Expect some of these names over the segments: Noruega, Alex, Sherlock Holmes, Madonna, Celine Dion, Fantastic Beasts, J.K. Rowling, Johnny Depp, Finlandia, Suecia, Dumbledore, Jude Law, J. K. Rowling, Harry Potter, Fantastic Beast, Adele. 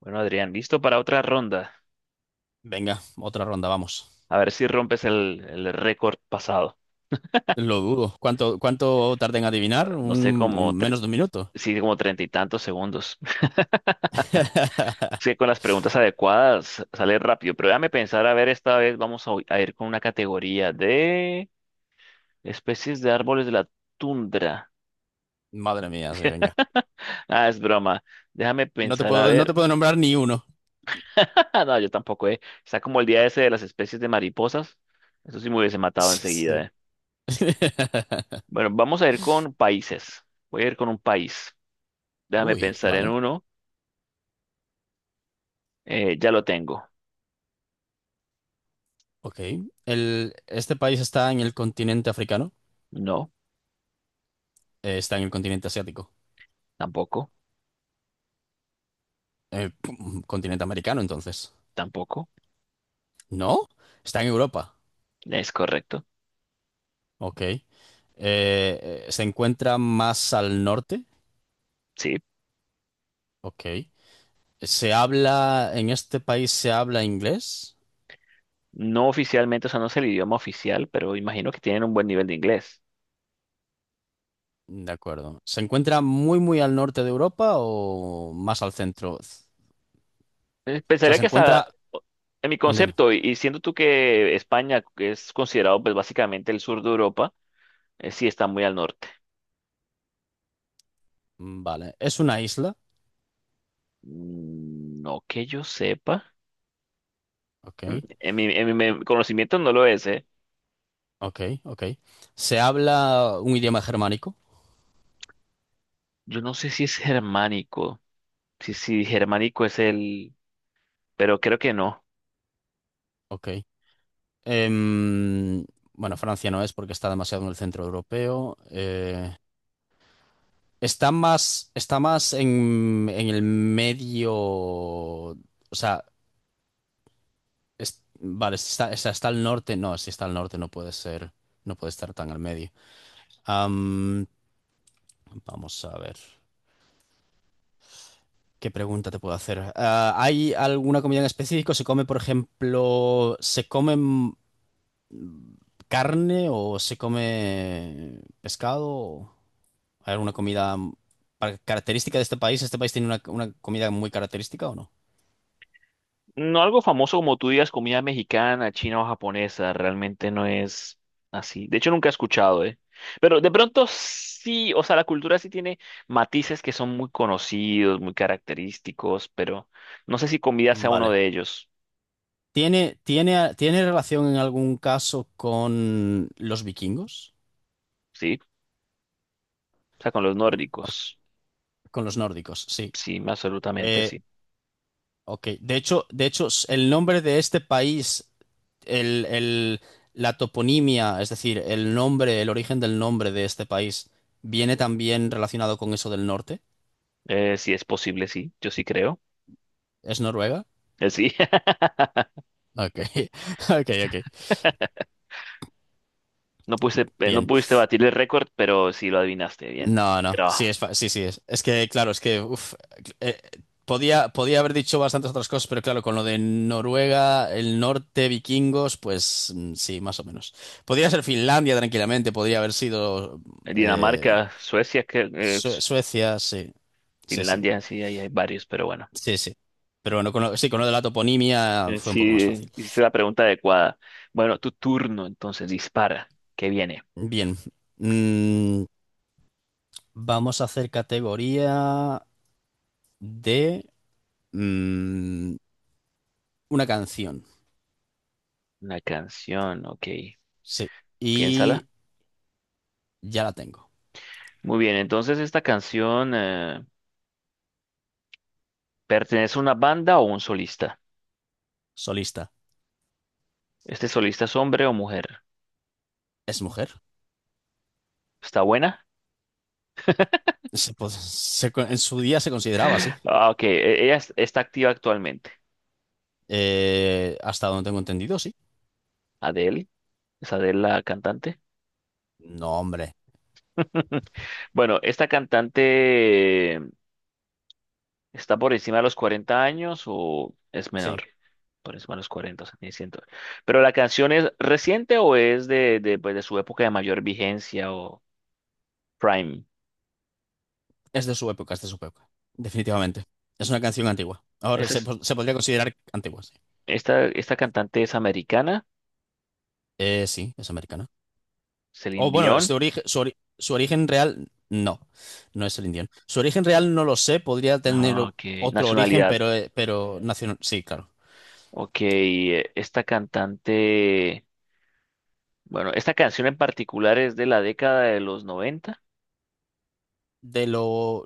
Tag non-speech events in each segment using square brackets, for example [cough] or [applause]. Bueno, Adrián, listo para otra ronda. Venga, otra ronda, vamos. A ver si rompes el récord pasado. Lo dudo. ¿Cuánto tarda en adivinar? No sé, como, tre- Menos de un minuto. Sí, como treinta y tantos segundos. [laughs] [laughs] Sí, con las preguntas adecuadas sale rápido, pero déjame pensar, a ver, esta vez vamos a ir con una categoría de especies de árboles de la tundra. Madre mía, sí, venga. [laughs] Ah, es broma. Déjame pensar, a No ver. te puedo nombrar ni uno. [laughs] No, yo tampoco, eh. Está como el día ese de las especies de mariposas. Eso sí me hubiese matado Sí, enseguida, sí. eh. [laughs] Bueno, vamos a ir con países. Voy a ir con un país. Déjame Uy, pensar en vale. uno. Ya lo tengo. Ok. Este país está en el continente africano. No, Está en el continente asiático. tampoco, Pum, continente americano, entonces. tampoco. ¿No? Está en Europa. Es correcto. Ok. Se encuentra más al norte. Sí. Ok. ¿Se habla, en este país se habla inglés? No oficialmente, o sea, no es el idioma oficial, pero imagino que tienen un buen nivel de inglés. De acuerdo. ¿Se encuentra muy al norte de Europa o más al centro? O sea, Pensaría se que hasta encuentra… o- en mi dime. concepto, y siendo tú que España es considerado pues básicamente el sur de Europa, sí está muy al norte. Vale. ¿Es una isla? Mm, no que yo sepa. Ok, En mi, en mi conocimiento no lo es, ¿eh? ok, ok. ¿Se habla un idioma germánico? Yo no sé si es germánico. Si germánico es el, pero creo que no. Ok. Em, bueno, Francia no es porque está demasiado en el centro europeo. Está más, está más en el medio… O sea, vale, si está, está, está al norte. No, si está al norte no puede ser, no puede estar tan al medio. Vamos a ver. ¿Qué pregunta te puedo hacer? Ah, ¿hay alguna comida en específico? ¿Se come, por ejemplo, se come carne o se come pescado? ¿Hay alguna comida característica de este país? ¿Este país tiene una comida muy característica o no? No algo famoso como tú digas, comida mexicana, china o japonesa, realmente no es así. De hecho, nunca he escuchado, ¿eh? Pero de pronto sí, o sea, la cultura sí tiene matices que son muy conocidos, muy característicos, pero no sé si comida sea uno Vale. de ellos, ¿Tiene relación en algún caso con los vikingos? ¿sí? O sea, con los ¿O nórdicos, con los nórdicos? Sí. sí, absolutamente Eh, sí. Ok, el nombre de este país, el, el- la toponimia, es decir, el nombre, el origen del nombre de este país, viene también relacionado con eso del norte. Sí es posible, sí, yo sí creo. ¿Es Noruega? Sí, [laughs] Ok, [laughs] ok, ok. no pudiste, no Bien. pudiste batir el récord, pero sí lo adivinaste bien. No, Buen no, sí, trabajo. Sí, sí, es que, claro, es que, uf, eh, podía, podía haber dicho bastantes otras cosas, pero claro, con lo de Noruega, el norte, vikingos, pues sí, más o menos. Podría ser Finlandia tranquilamente, podría haber sido… eh, Dinamarca, Suecia, que, Suecia, sí, sí, sí, Finlandia, sí, ahí hay varios, pero bueno. sí, sí. Pero bueno, con lo, sí, con lo de la toponimia fue un poco más Sí, fácil. hiciste la pregunta adecuada. Bueno, tu turno, entonces, dispara. ¿Qué viene? Bien, mm, vamos a hacer categoría de mm, una canción, Una canción, ok. sí. Y Piénsala. ya la tengo. Muy bien, entonces, ¿esta canción pertenece a una banda o un solista? Solista. ¿Este solista es hombre o mujer? ¿Es mujer? ¿Está buena? Se po- se co- En su día se consideraba así. [laughs] Ah, ok. Ella está activa actualmente. Hasta donde tengo entendido, sí. ¿Adele? ¿Es Adele la cantante? No, hombre. [laughs] Bueno, esta cantante, ¿está por encima de los 40 años o es menor? Sí. Por encima de los 40, o sea, tiene 100. Pero la canción es reciente o es de, pues, de su época de mayor vigencia o prime. Es de su época. Definitivamente. Es una canción antigua. Esta, es- Se podría considerar antigua, sí. Esta, esta cantante es americana. Sí, es americana. O Celine bueno, Dion. Su origen real, no, no es el indiano. Su origen real no lo sé, Ah, ok, otro origen, nacionalidad. Pero nacional, sí, claro. Ok, esta cantante, bueno, esta canción en particular es de la década de los 90,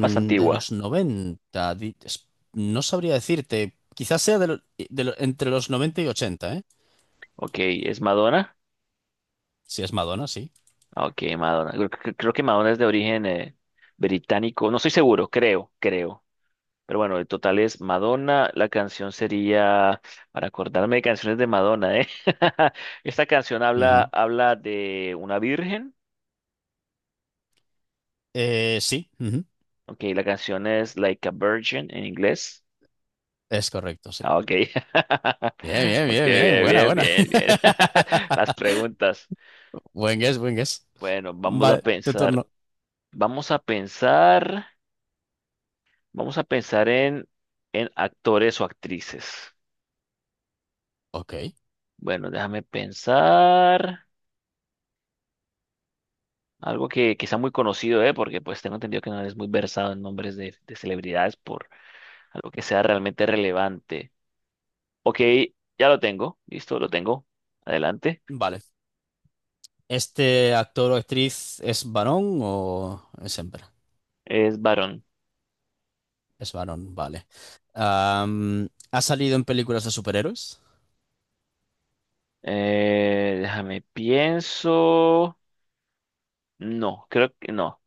más De antigua. los 90. No sabría decirte, quizás sea entre los 90 y 80, ¿eh? Ok, es Madonna. Si es Madonna, sí. Ok, Madonna. Creo que Madonna es de origen británico. No estoy seguro, creo, creo. Pero bueno, el total es Madonna. La canción sería, para acordarme de canciones de Madonna, ¿eh? [laughs] Esta canción habla, Ujú. habla de una virgen. Sí, ujú. Ok, la canción es Like a Virgin en inglés. Es correcto, sí. Ah, ok. [laughs] Bien, bien, Ok, bien, bien, bien, buena, bien, buena. bien, bien. [laughs] Las [laughs] preguntas. Buen guess, buen guess. Bueno, vamos a Vale, tu pensar. turno. Vamos a pensar. Vamos a pensar en actores o actrices. Ok. Bueno, déjame pensar. Algo que sea muy conocido, ¿eh? Porque pues tengo entendido que no eres muy versado en nombres de celebridades por algo que sea realmente relevante. Ok, ya lo tengo. Listo, lo tengo. Adelante. Vale. ¿Este actor o actriz es varón o es hembra? Es varón. Es varón, vale. ¿Ha salido en películas de superhéroes? Déjame pienso. No, creo que no.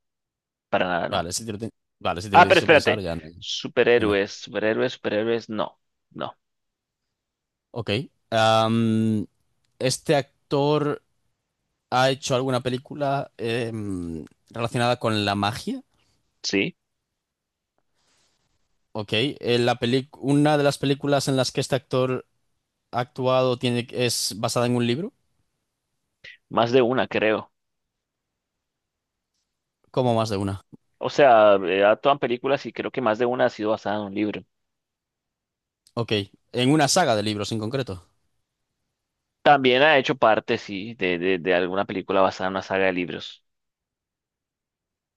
Para nada, no. Vale, si te lo, ti- vale, si te lo Ah, pero tienes que pensar, espérate. ya. Dime. Superhéroes, superhéroes, superhéroes. No, no. Ok. Am, ¿Este actor ha hecho alguna película relacionada con la magia? Sí, Ok. ¿Una de las películas en las que este actor ha actuado tiene, es basada en un libro? más de una, creo. ¿Como más de una? O sea, actúan películas y creo que más de una ha sido basada en un libro. Ok. ¿En una saga de libros en concreto? También ha hecho parte, sí, de alguna película basada en una saga de libros.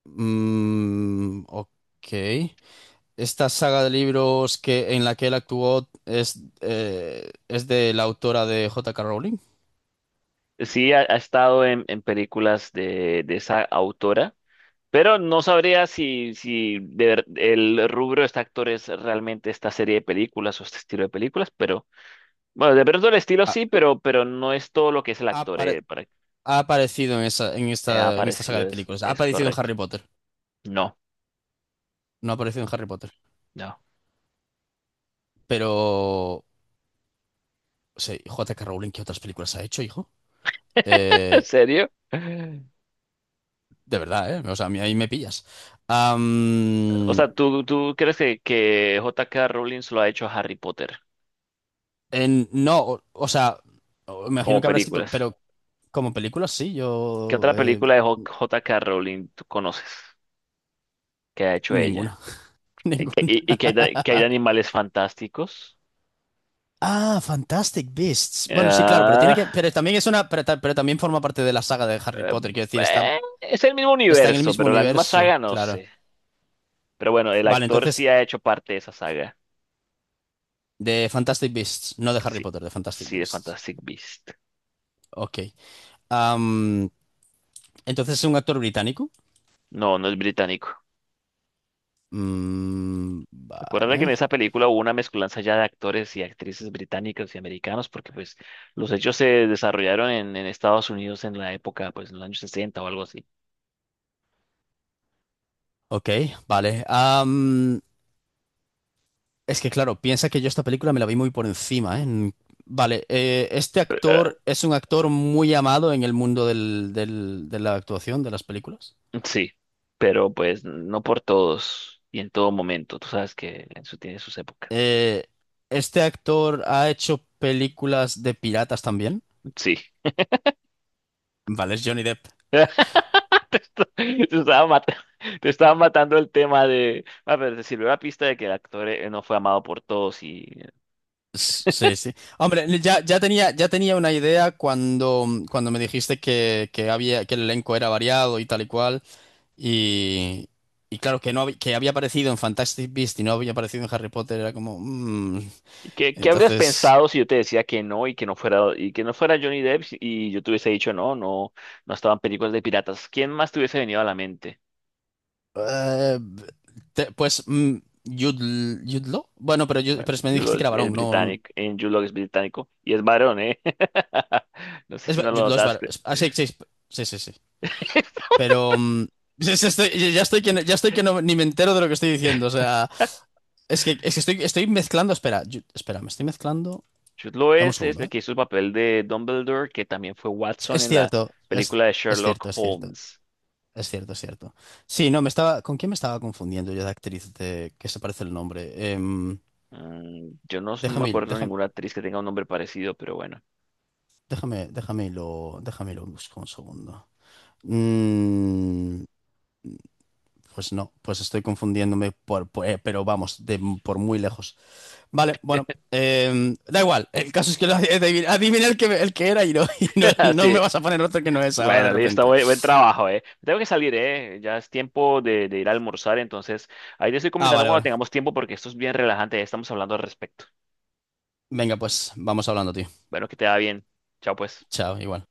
Ok. Esta saga de libros que, en la que él actuó es de la autora de J. K. Rowling. Sí, ha, ha estado en películas de esa autora, pero no sabría si, si el rubro de este actor es realmente esta serie de películas o este estilo de películas, pero bueno, de pronto el estilo Ha, sí, pero no es todo lo que es el ha actor apare- ha aparecido en ha esta saga de aparecido, películas. Ha es aparecido en correcto. Harry Potter. No, No ha aparecido en Harry Potter. no. Pero, sí, J. K. Rowling, ¿qué otras películas ha hecho, hijo? [laughs] ¿En Eh, serio? de verdad, ¿eh? O sea, a mí ahí me pillas. O Am, sea, ¿tú, tú crees que J.K. Rowling solo ha hecho Harry Potter no, o sea, imagino como que habrá escrito, películas? pero como películas sí, ¿Qué yo… otra película de J.K. Rowling tú conoces que ha hecho Ninguna. ella? [laughs] Ningún- Y que hay, que hay de animales fantásticos. Ah, Fantastic Beasts. Bueno, sí, claro, pero tiene que. Ah, Pero también es una. Pero también forma parte de la saga de Harry eh, Potter. Quiero decir, es el mismo está en el universo, mismo pero la misma universo. saga no Claro. sé. Pero bueno, el Vale, actor entonces, sí ha hecho parte de esa saga. de Fantastic Beasts, no de Harry Sí, Potter, de Fantastic sí, de Beasts. Fantastic Beast. Ok. Am, entonces es un actor británico. No, no es británico. Recuerda que en Vale. esa película hubo una mezcolanza ya de actores y actrices británicos y americanos, porque pues los hechos se desarrollaron en Estados Unidos en la época, pues en los años 60 o algo así. Ok, vale. Es que claro, piensa que yo esta película me la vi muy por encima, ¿eh? Vale, este Pero, actor es un actor muy amado en el mundo de la actuación, de las películas. sí, pero pues no por todos y en todo momento. Tú sabes que eso tiene sus épocas. Eh, este actor ha hecho películas de piratas también. Sí. Vale, es Johnny Depp. [laughs] Te, est- te estaba matando, te estaba matando el tema de... A ver, te sirvió la pista de que el actor no fue amado por todos y Sí, sí. Hombre, ya tenía una idea cuando, cuando me dijiste que había, que el elenco era variado y tal y cual. Y, y claro, que no hab- que había aparecido en Fantastic Beasts y no había aparecido en Harry Potter, era como. Mm. ¿qué, qué habrías Entonces, pensado si yo te decía que no y que no fuera y que no fuera Johnny Depp y yo te hubiese dicho no, no, no estaban películas de piratas? ¿Quién más te hubiese venido a la mente? eh, pues mm, Jude Law. Bueno, pero, Bueno, pero me Jude Law dijiste que era es varón, no. británico, en Jude Law es británico y es varón, ¿eh? [laughs] No sé si no lo Jude Law es varón. notaste. Ah, sí, sí, sí, sí, sí. [laughs] Pero [laughs] ya estoy, ya estoy que, ya estoy que ni me entero de lo que estoy diciendo. O sea, es que estoy, estoy mezclando. Espera, me estoy mezclando. Jude Law Dame un es segundo, el ¿eh? que hizo el papel de Dumbledore, que también fue Watson Es en la cierto, es, película de es Sherlock cierto, es cierto. Holmes. Es cierto, es cierto. Sí, no, me estaba. ¿Con quién me estaba confundiendo yo de actriz de que se parece el nombre? Em, Mm, yo no, no me déjame, acuerdo de déjame. ninguna actriz que tenga un nombre parecido, pero bueno. Déjame déjame lo busco un segundo. Mm, pues no, pues estoy confundiéndome pero vamos, por muy lejos. Vale, bueno, da igual. El caso es que lo adiviné, adiviné el que era y, no, [laughs] y no, no me [laughs] vas a poner otro que no es ahora de Bueno, listo, repente. buen, buen trabajo, eh. Tengo que salir, eh. Ya es tiempo de ir a almorzar, entonces ahí te estoy Ah, comentando vale, cuando vale. tengamos tiempo porque esto es bien relajante, ya estamos hablando al respecto. Venga, pues vamos hablando, tío. Bueno, que te va bien. Chao, pues. Chao, igual.